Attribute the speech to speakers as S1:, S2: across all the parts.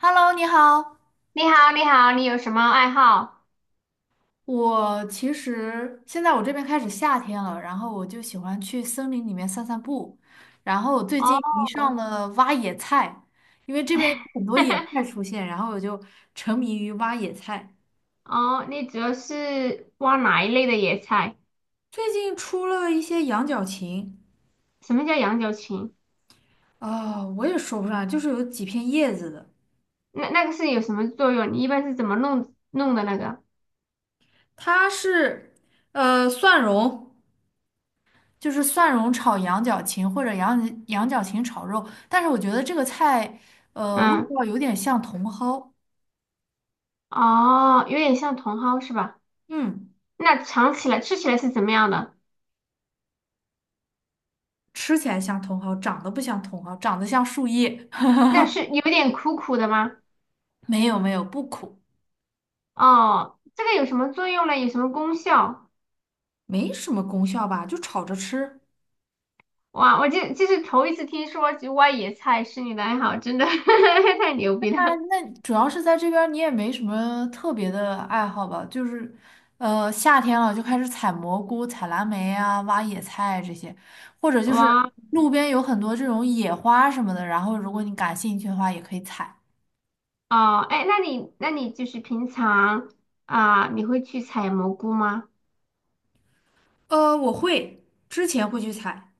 S1: Hello，你好。
S2: 你好，你好，你有什么爱好？
S1: 我其实现在我这边开始夏天了，然后我就喜欢去森林里面散散步。然后我最
S2: 哦。
S1: 近迷上了挖野菜，因为这边有很多野 菜出现，然后我就沉迷于挖野菜。
S2: 哦，你主要是挖哪一类的野菜？
S1: 最近出了一些羊角芹，
S2: 什么叫羊角芹？
S1: 我也说不上来，就是有几片叶子的。
S2: 那个是有什么作用？你一般是怎么弄的那个？
S1: 它是蒜蓉。就是蒜蓉炒羊角芹或者羊角芹炒肉，但是我觉得这个菜，味
S2: 嗯。
S1: 道有点像茼蒿。
S2: 哦，有点像茼蒿是吧？
S1: 嗯，
S2: 那尝起来吃起来是怎么样的？
S1: 吃起来像茼蒿，长得不像茼蒿，长得像树叶。
S2: 那是有点苦苦的吗？
S1: 没有没有，不苦，
S2: 哦，这个有什么作用呢？有什么功效？
S1: 没什么功效吧，就炒着吃。
S2: 哇，我这是头一次听说就挖野菜是你的爱好，真的 太牛逼了！
S1: 那主要是在这边儿你也没什么特别的爱好吧，就是，夏天了就开始采蘑菇、采蓝莓啊，挖野菜这些，或者就是
S2: 哇。
S1: 路边有很多这种野花什么的，然后如果你感兴趣的话，也可以采。
S2: 哦，哎，那你就是平常，啊，你会去采蘑菇吗？
S1: 我会，之前会去采。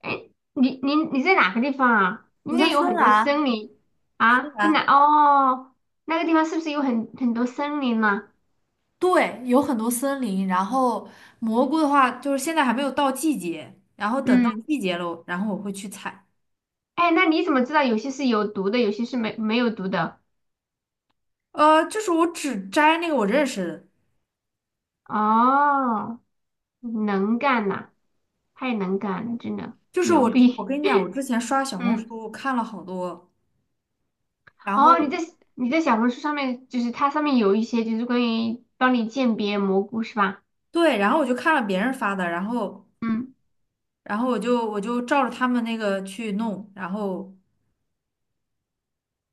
S2: 哎，你在哪个地方啊？应
S1: 我在
S2: 该有
S1: 芬
S2: 很多森
S1: 兰，
S2: 林。
S1: 芬
S2: 啊，在哪？
S1: 兰，
S2: 哦，那个地方是不是有很多森林呢？
S1: 对，有很多森林。然后蘑菇的话，就是现在还没有到季节，然后等到
S2: 嗯。
S1: 季节了，然后我会去采。
S2: 哎，那你怎么知道有些是有毒的，有些是没有毒的？
S1: 就是我只摘那个我认识的，
S2: 哦，能干呐、太能干了，真的
S1: 就是
S2: 牛
S1: 我，我
S2: 逼。
S1: 跟你讲，我之前刷小红
S2: 嗯。
S1: 书看了好多，然后
S2: 哦，你在小红书上面，就是它上面有一些就是关于帮你鉴别蘑菇是吧？
S1: 对，然后我就看了别人发的，然后，
S2: 嗯。
S1: 然后我就照着他们那个去弄，然后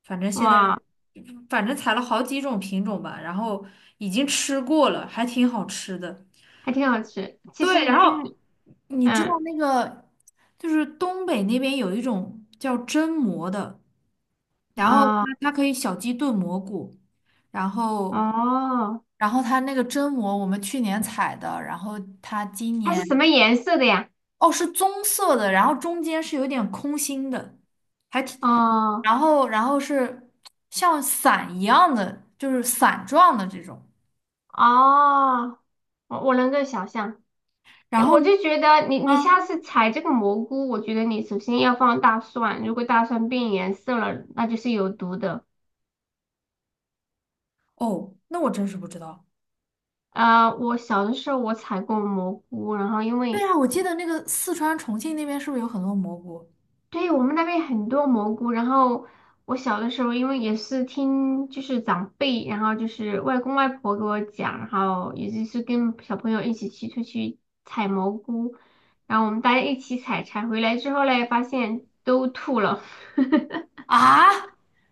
S1: 反正现在
S2: 哇，
S1: 反正采了好几种品种吧，然后已经吃过了，还挺好吃的。
S2: 还挺好吃。其
S1: 对，
S2: 实
S1: 然
S2: 菌。
S1: 后你知道
S2: 嗯。
S1: 那个就是东北那边有一种叫榛蘑的，然后它
S2: 啊、
S1: 它可以小鸡炖蘑菇，然后
S2: 哦，
S1: 然后它那个榛蘑我们去年采的，然后它今
S2: 它是什么
S1: 年
S2: 颜色的呀？
S1: 哦是棕色的，然后中间是有点空心的，
S2: 哦。
S1: 然后是像伞一样的，就是伞状的这种。
S2: 哦，我能够想象。哎，
S1: 然后
S2: 我就觉得你
S1: 啊，
S2: 下次采这个蘑菇，我觉得你首先要放大蒜，如果大蒜变颜色了，那就是有毒的。
S1: 哦，那我真是不知道。
S2: 啊，我小的时候我采过蘑菇，然后因
S1: 对
S2: 为
S1: 啊，我记得那个四川、重庆那边是不是有很多蘑菇？
S2: 对，我们那边很多蘑菇，然后我小的时候，因为也是听就是长辈，然后就是外公外婆给我讲，然后也就是跟小朋友一起去出去采蘑菇，然后我们大家一起采，采回来之后嘞，发现都吐了。
S1: 啊，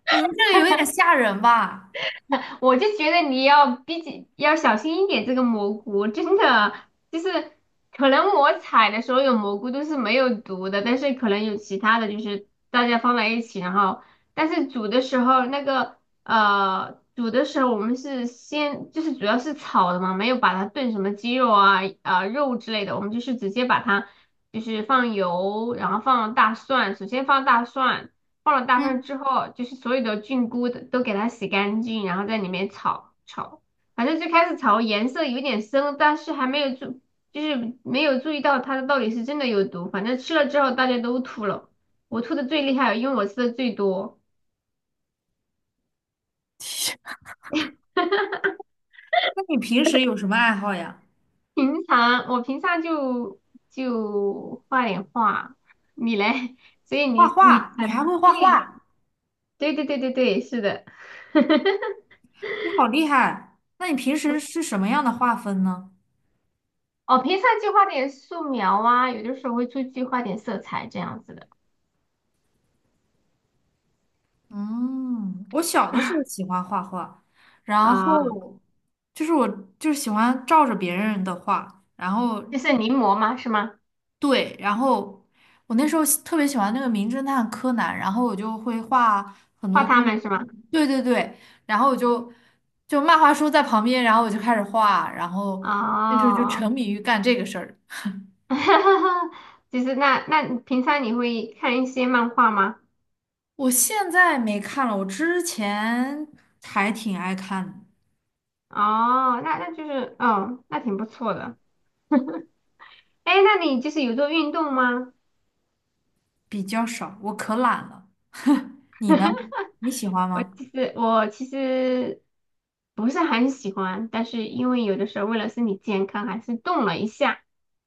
S1: 你们这个有点吓人吧？
S2: 我就觉得你要比较要小心一点这个蘑菇，真的就是可能我采的所有蘑菇都是没有毒的，但是可能有其他的，就是大家放在一起，然后但是煮的时候那个煮的时候我们是先就是主要是炒的嘛，没有把它炖什么鸡肉啊、肉之类的，我们就是直接把它就是放油，然后放大蒜，首先放大蒜。放了大蒜
S1: 嗯，
S2: 之后，就是所有的菌菇的都给它洗干净，然后在里面炒炒，反正最开始炒颜色有点深，但是还没有注，就是没有注意到它到底是真的有毒。反正吃了之后大家都吐了，我吐的最厉害，因为我吃的最多。
S1: 那你平时有什么爱好呀？
S2: 我平常就就画点画，你嘞？所以
S1: 画
S2: 你
S1: 画，你还
S2: 很
S1: 会画
S2: 对
S1: 画？
S2: 对，是的。
S1: 你好厉害！那你平时是什么样的画风呢？
S2: 哦，平常就画点素描啊，有的时候会出去画点色彩这样子的。
S1: 嗯，我小的时候喜欢画画，然
S2: 啊，
S1: 后就是我就是喜欢照着别人的画，然后
S2: 就是临摹嘛，是吗？
S1: 对，然后我那时候特别喜欢那个名侦探柯南，然后我就会画很
S2: 画
S1: 多关
S2: 他
S1: 于
S2: 们是吗？
S1: 对对对，然后我就漫画书在旁边，然后我就开始画，然后那时候就沉
S2: 哦。
S1: 迷于干这个事儿。
S2: 就是那那你平常你会看一些漫画吗？
S1: 我现在没看了，我之前还挺爱看的。
S2: 哦，那那就是哦，那挺不错的。哎，那你就是有做运动吗？
S1: 比较少，我可懒了。你呢？你喜欢
S2: 我
S1: 吗？
S2: 其实我其实不是很喜欢，但是因为有的时候为了身体健康，还是动了一下，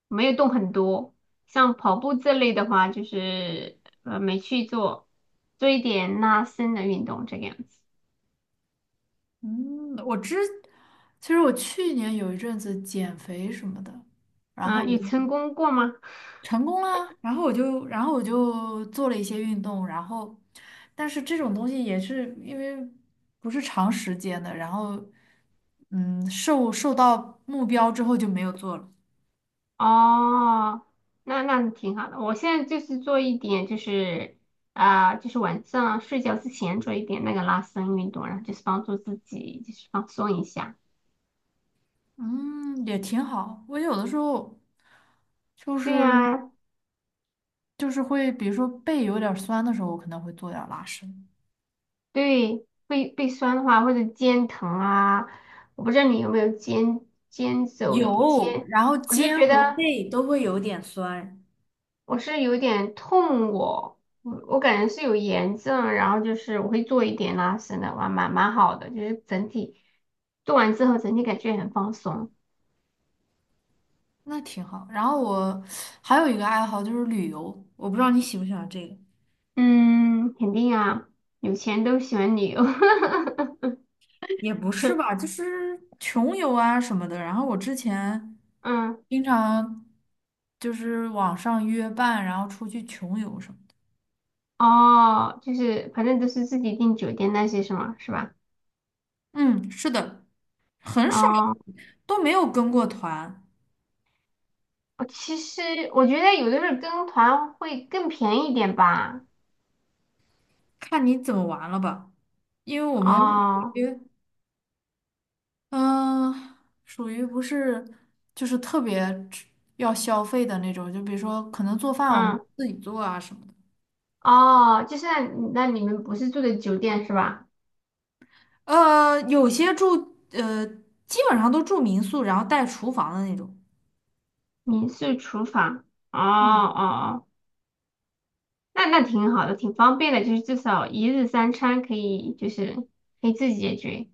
S2: 没有动很多。像跑步这类的话，就是没去做，做一点拉伸的运动这个样子。
S1: 嗯，其实我去年有一阵子减肥什么的，然
S2: 啊，
S1: 后。
S2: 有成功过吗？
S1: 成功啦，然后我就，然后我就做了一些运动，然后，但是这种东西也是因为不是长时间的，然后，嗯，受到目标之后就没有做了，
S2: 哦，那那挺好的。我现在就是做一点，就是啊、就是晚上睡觉之前做一点那个拉伸运动，然后就是帮助自己就是放松一下。
S1: 嗯，也挺好。我有的时候就
S2: 对
S1: 是
S2: 呀、
S1: 就是会，比如说背有点儿酸的时候，我可能会做点儿拉伸，
S2: 对，背背酸的话，或者肩疼啊，我不知道你有没有肩肩走
S1: 有，
S2: 肩，
S1: 然后
S2: 我就
S1: 肩
S2: 觉
S1: 和
S2: 得
S1: 背都会有点酸。
S2: 我是有点痛我，我感觉是有炎症，然后就是我会做一点拉伸的，哇，蛮蛮好的，就是整体做完之后整体感觉很放松。
S1: 那挺好。然后我还有一个爱好就是旅游，我不知道你喜不喜欢这个。
S2: 嗯，肯定啊，有钱都喜欢旅游。
S1: 也不是吧，就是穷游啊什么的。然后我之前
S2: 嗯。
S1: 经常就是网上约伴，然后出去穷游什么的。
S2: 哦，就是反正都是自己订酒店那些是吗？是吧？
S1: 嗯，是的，很少
S2: 哦。
S1: 都没有跟过团，
S2: 我其实我觉得有的时候跟团会更便宜一点吧。
S1: 看你怎么玩了吧。因为我们属
S2: 哦。
S1: 于嗯，属于不是就是特别吃要消费的那种，就比如说可能做饭我们
S2: 嗯。
S1: 自己做啊什么的。
S2: 哦，就是那那你们不是住的酒店是吧？
S1: 有些住基本上都住民宿，然后带厨房的那种。
S2: 民宿厨房。哦
S1: 嗯，
S2: 哦哦，那那挺好的，挺方便的，就是至少一日三餐可以，就是可以自己解决，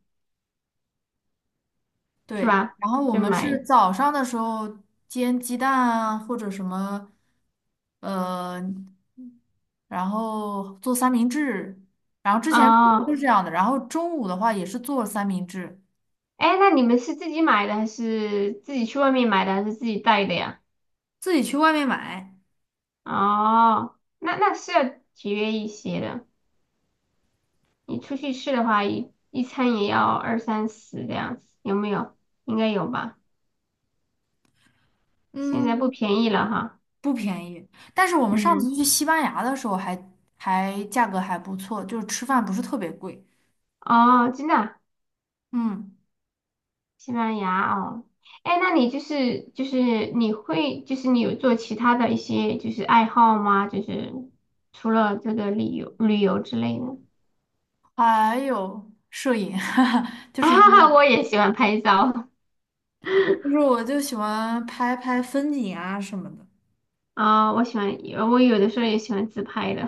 S2: 是
S1: 对，
S2: 吧？
S1: 然后我
S2: 就
S1: 们是
S2: 买。
S1: 早上的时候煎鸡蛋啊，或者什么，呃，然后做三明治，然后之前都
S2: 哦，
S1: 是这样的，然后中午的话也是做三明治，
S2: 哎，那你们是自己买的还是自己去外面买的还是自己带的呀？
S1: 自己去外面买，
S2: 哦，那那是要节约一些的。你出去吃的话，一餐也要二三十这样子，有没有？应该有吧？现在不
S1: 嗯，
S2: 便宜了哈。
S1: 不便宜，但是我们上
S2: 嗯。
S1: 次去西班牙的时候还价格还不错，就是吃饭不是特别贵，
S2: 哦，真的啊。
S1: 嗯，
S2: 西班牙哦。哎，那你就是就是你会就是你有做其他的一些就是爱好吗？就是除了这个旅游之类的。
S1: 还有摄影，就是因
S2: 啊，
S1: 为
S2: 我也喜欢拍照。
S1: 就是我就喜欢拍拍风景啊什么的。
S2: 啊，我喜欢我有的时候也喜欢自拍的。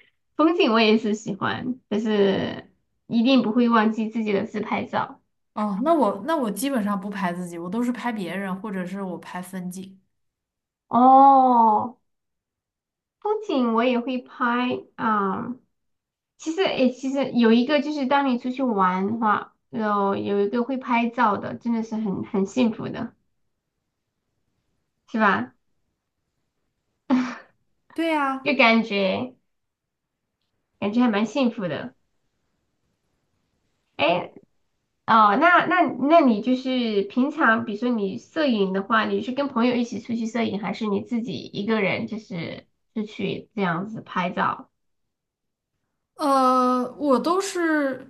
S2: 风景我也是喜欢，但是一定不会忘记自己的自拍照。
S1: 哦，那我基本上不拍自己，我都是拍别人，或者是我拍风景。
S2: 哦，风景我也会拍啊、其实，诶，其实有一个就是当你出去玩的话，有一个会拍照的，真的是很幸福的，是吧？
S1: 对
S2: 就
S1: 呀，
S2: 感觉还蛮幸福的。诶。哦，那你就是平常，比如说你摄影的话，你是跟朋友一起出去摄影，还是你自己一个人就是出去这样子拍照？
S1: 我都是，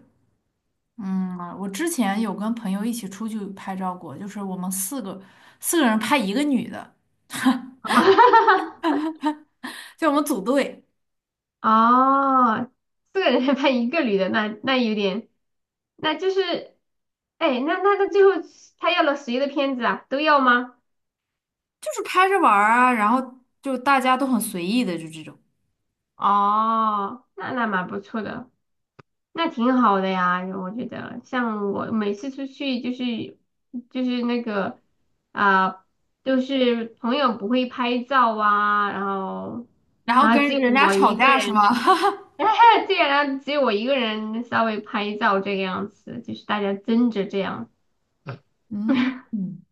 S1: 嗯，我之前有跟朋友一起出去拍照过，就是我们四个人拍一个女的，
S2: 啊。
S1: 就我们组队，
S2: 哦，四个人 还拍一个女的，那那有点，那就是，哎，那最后他要了谁的片子啊？都要吗？
S1: 就是拍着玩儿啊，然后就大家都很随意的，就这种，
S2: 哦，那那蛮不错的，那挺好的呀，我觉得。像我每次出去就是就是那个啊、就是朋友不会拍照啊，然后
S1: 然后
S2: 然后只
S1: 跟
S2: 有
S1: 人家
S2: 我
S1: 吵
S2: 一个
S1: 架是吗？
S2: 人。对，然后只有我一个人稍微拍照这个样子，就是大家争着这样。
S1: 嗯，嗯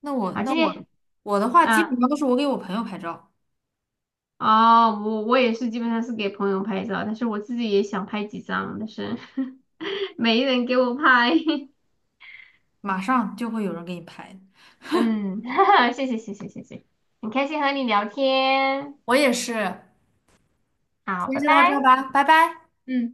S1: 那我
S2: 好，
S1: 那
S2: 今
S1: 我
S2: 天
S1: 我的话基本
S2: 啊，
S1: 上都是我给我朋友拍照。
S2: 哦，我我也是基本上是给朋友拍照，但是我自己也想拍几张，但是 没人给我拍。
S1: 马上就会有人给你拍，
S2: 嗯。谢谢谢谢谢谢，很开心和你聊天，
S1: 我也是，先
S2: 好，拜
S1: 就
S2: 拜。
S1: 到这儿吧，拜拜。
S2: 嗯。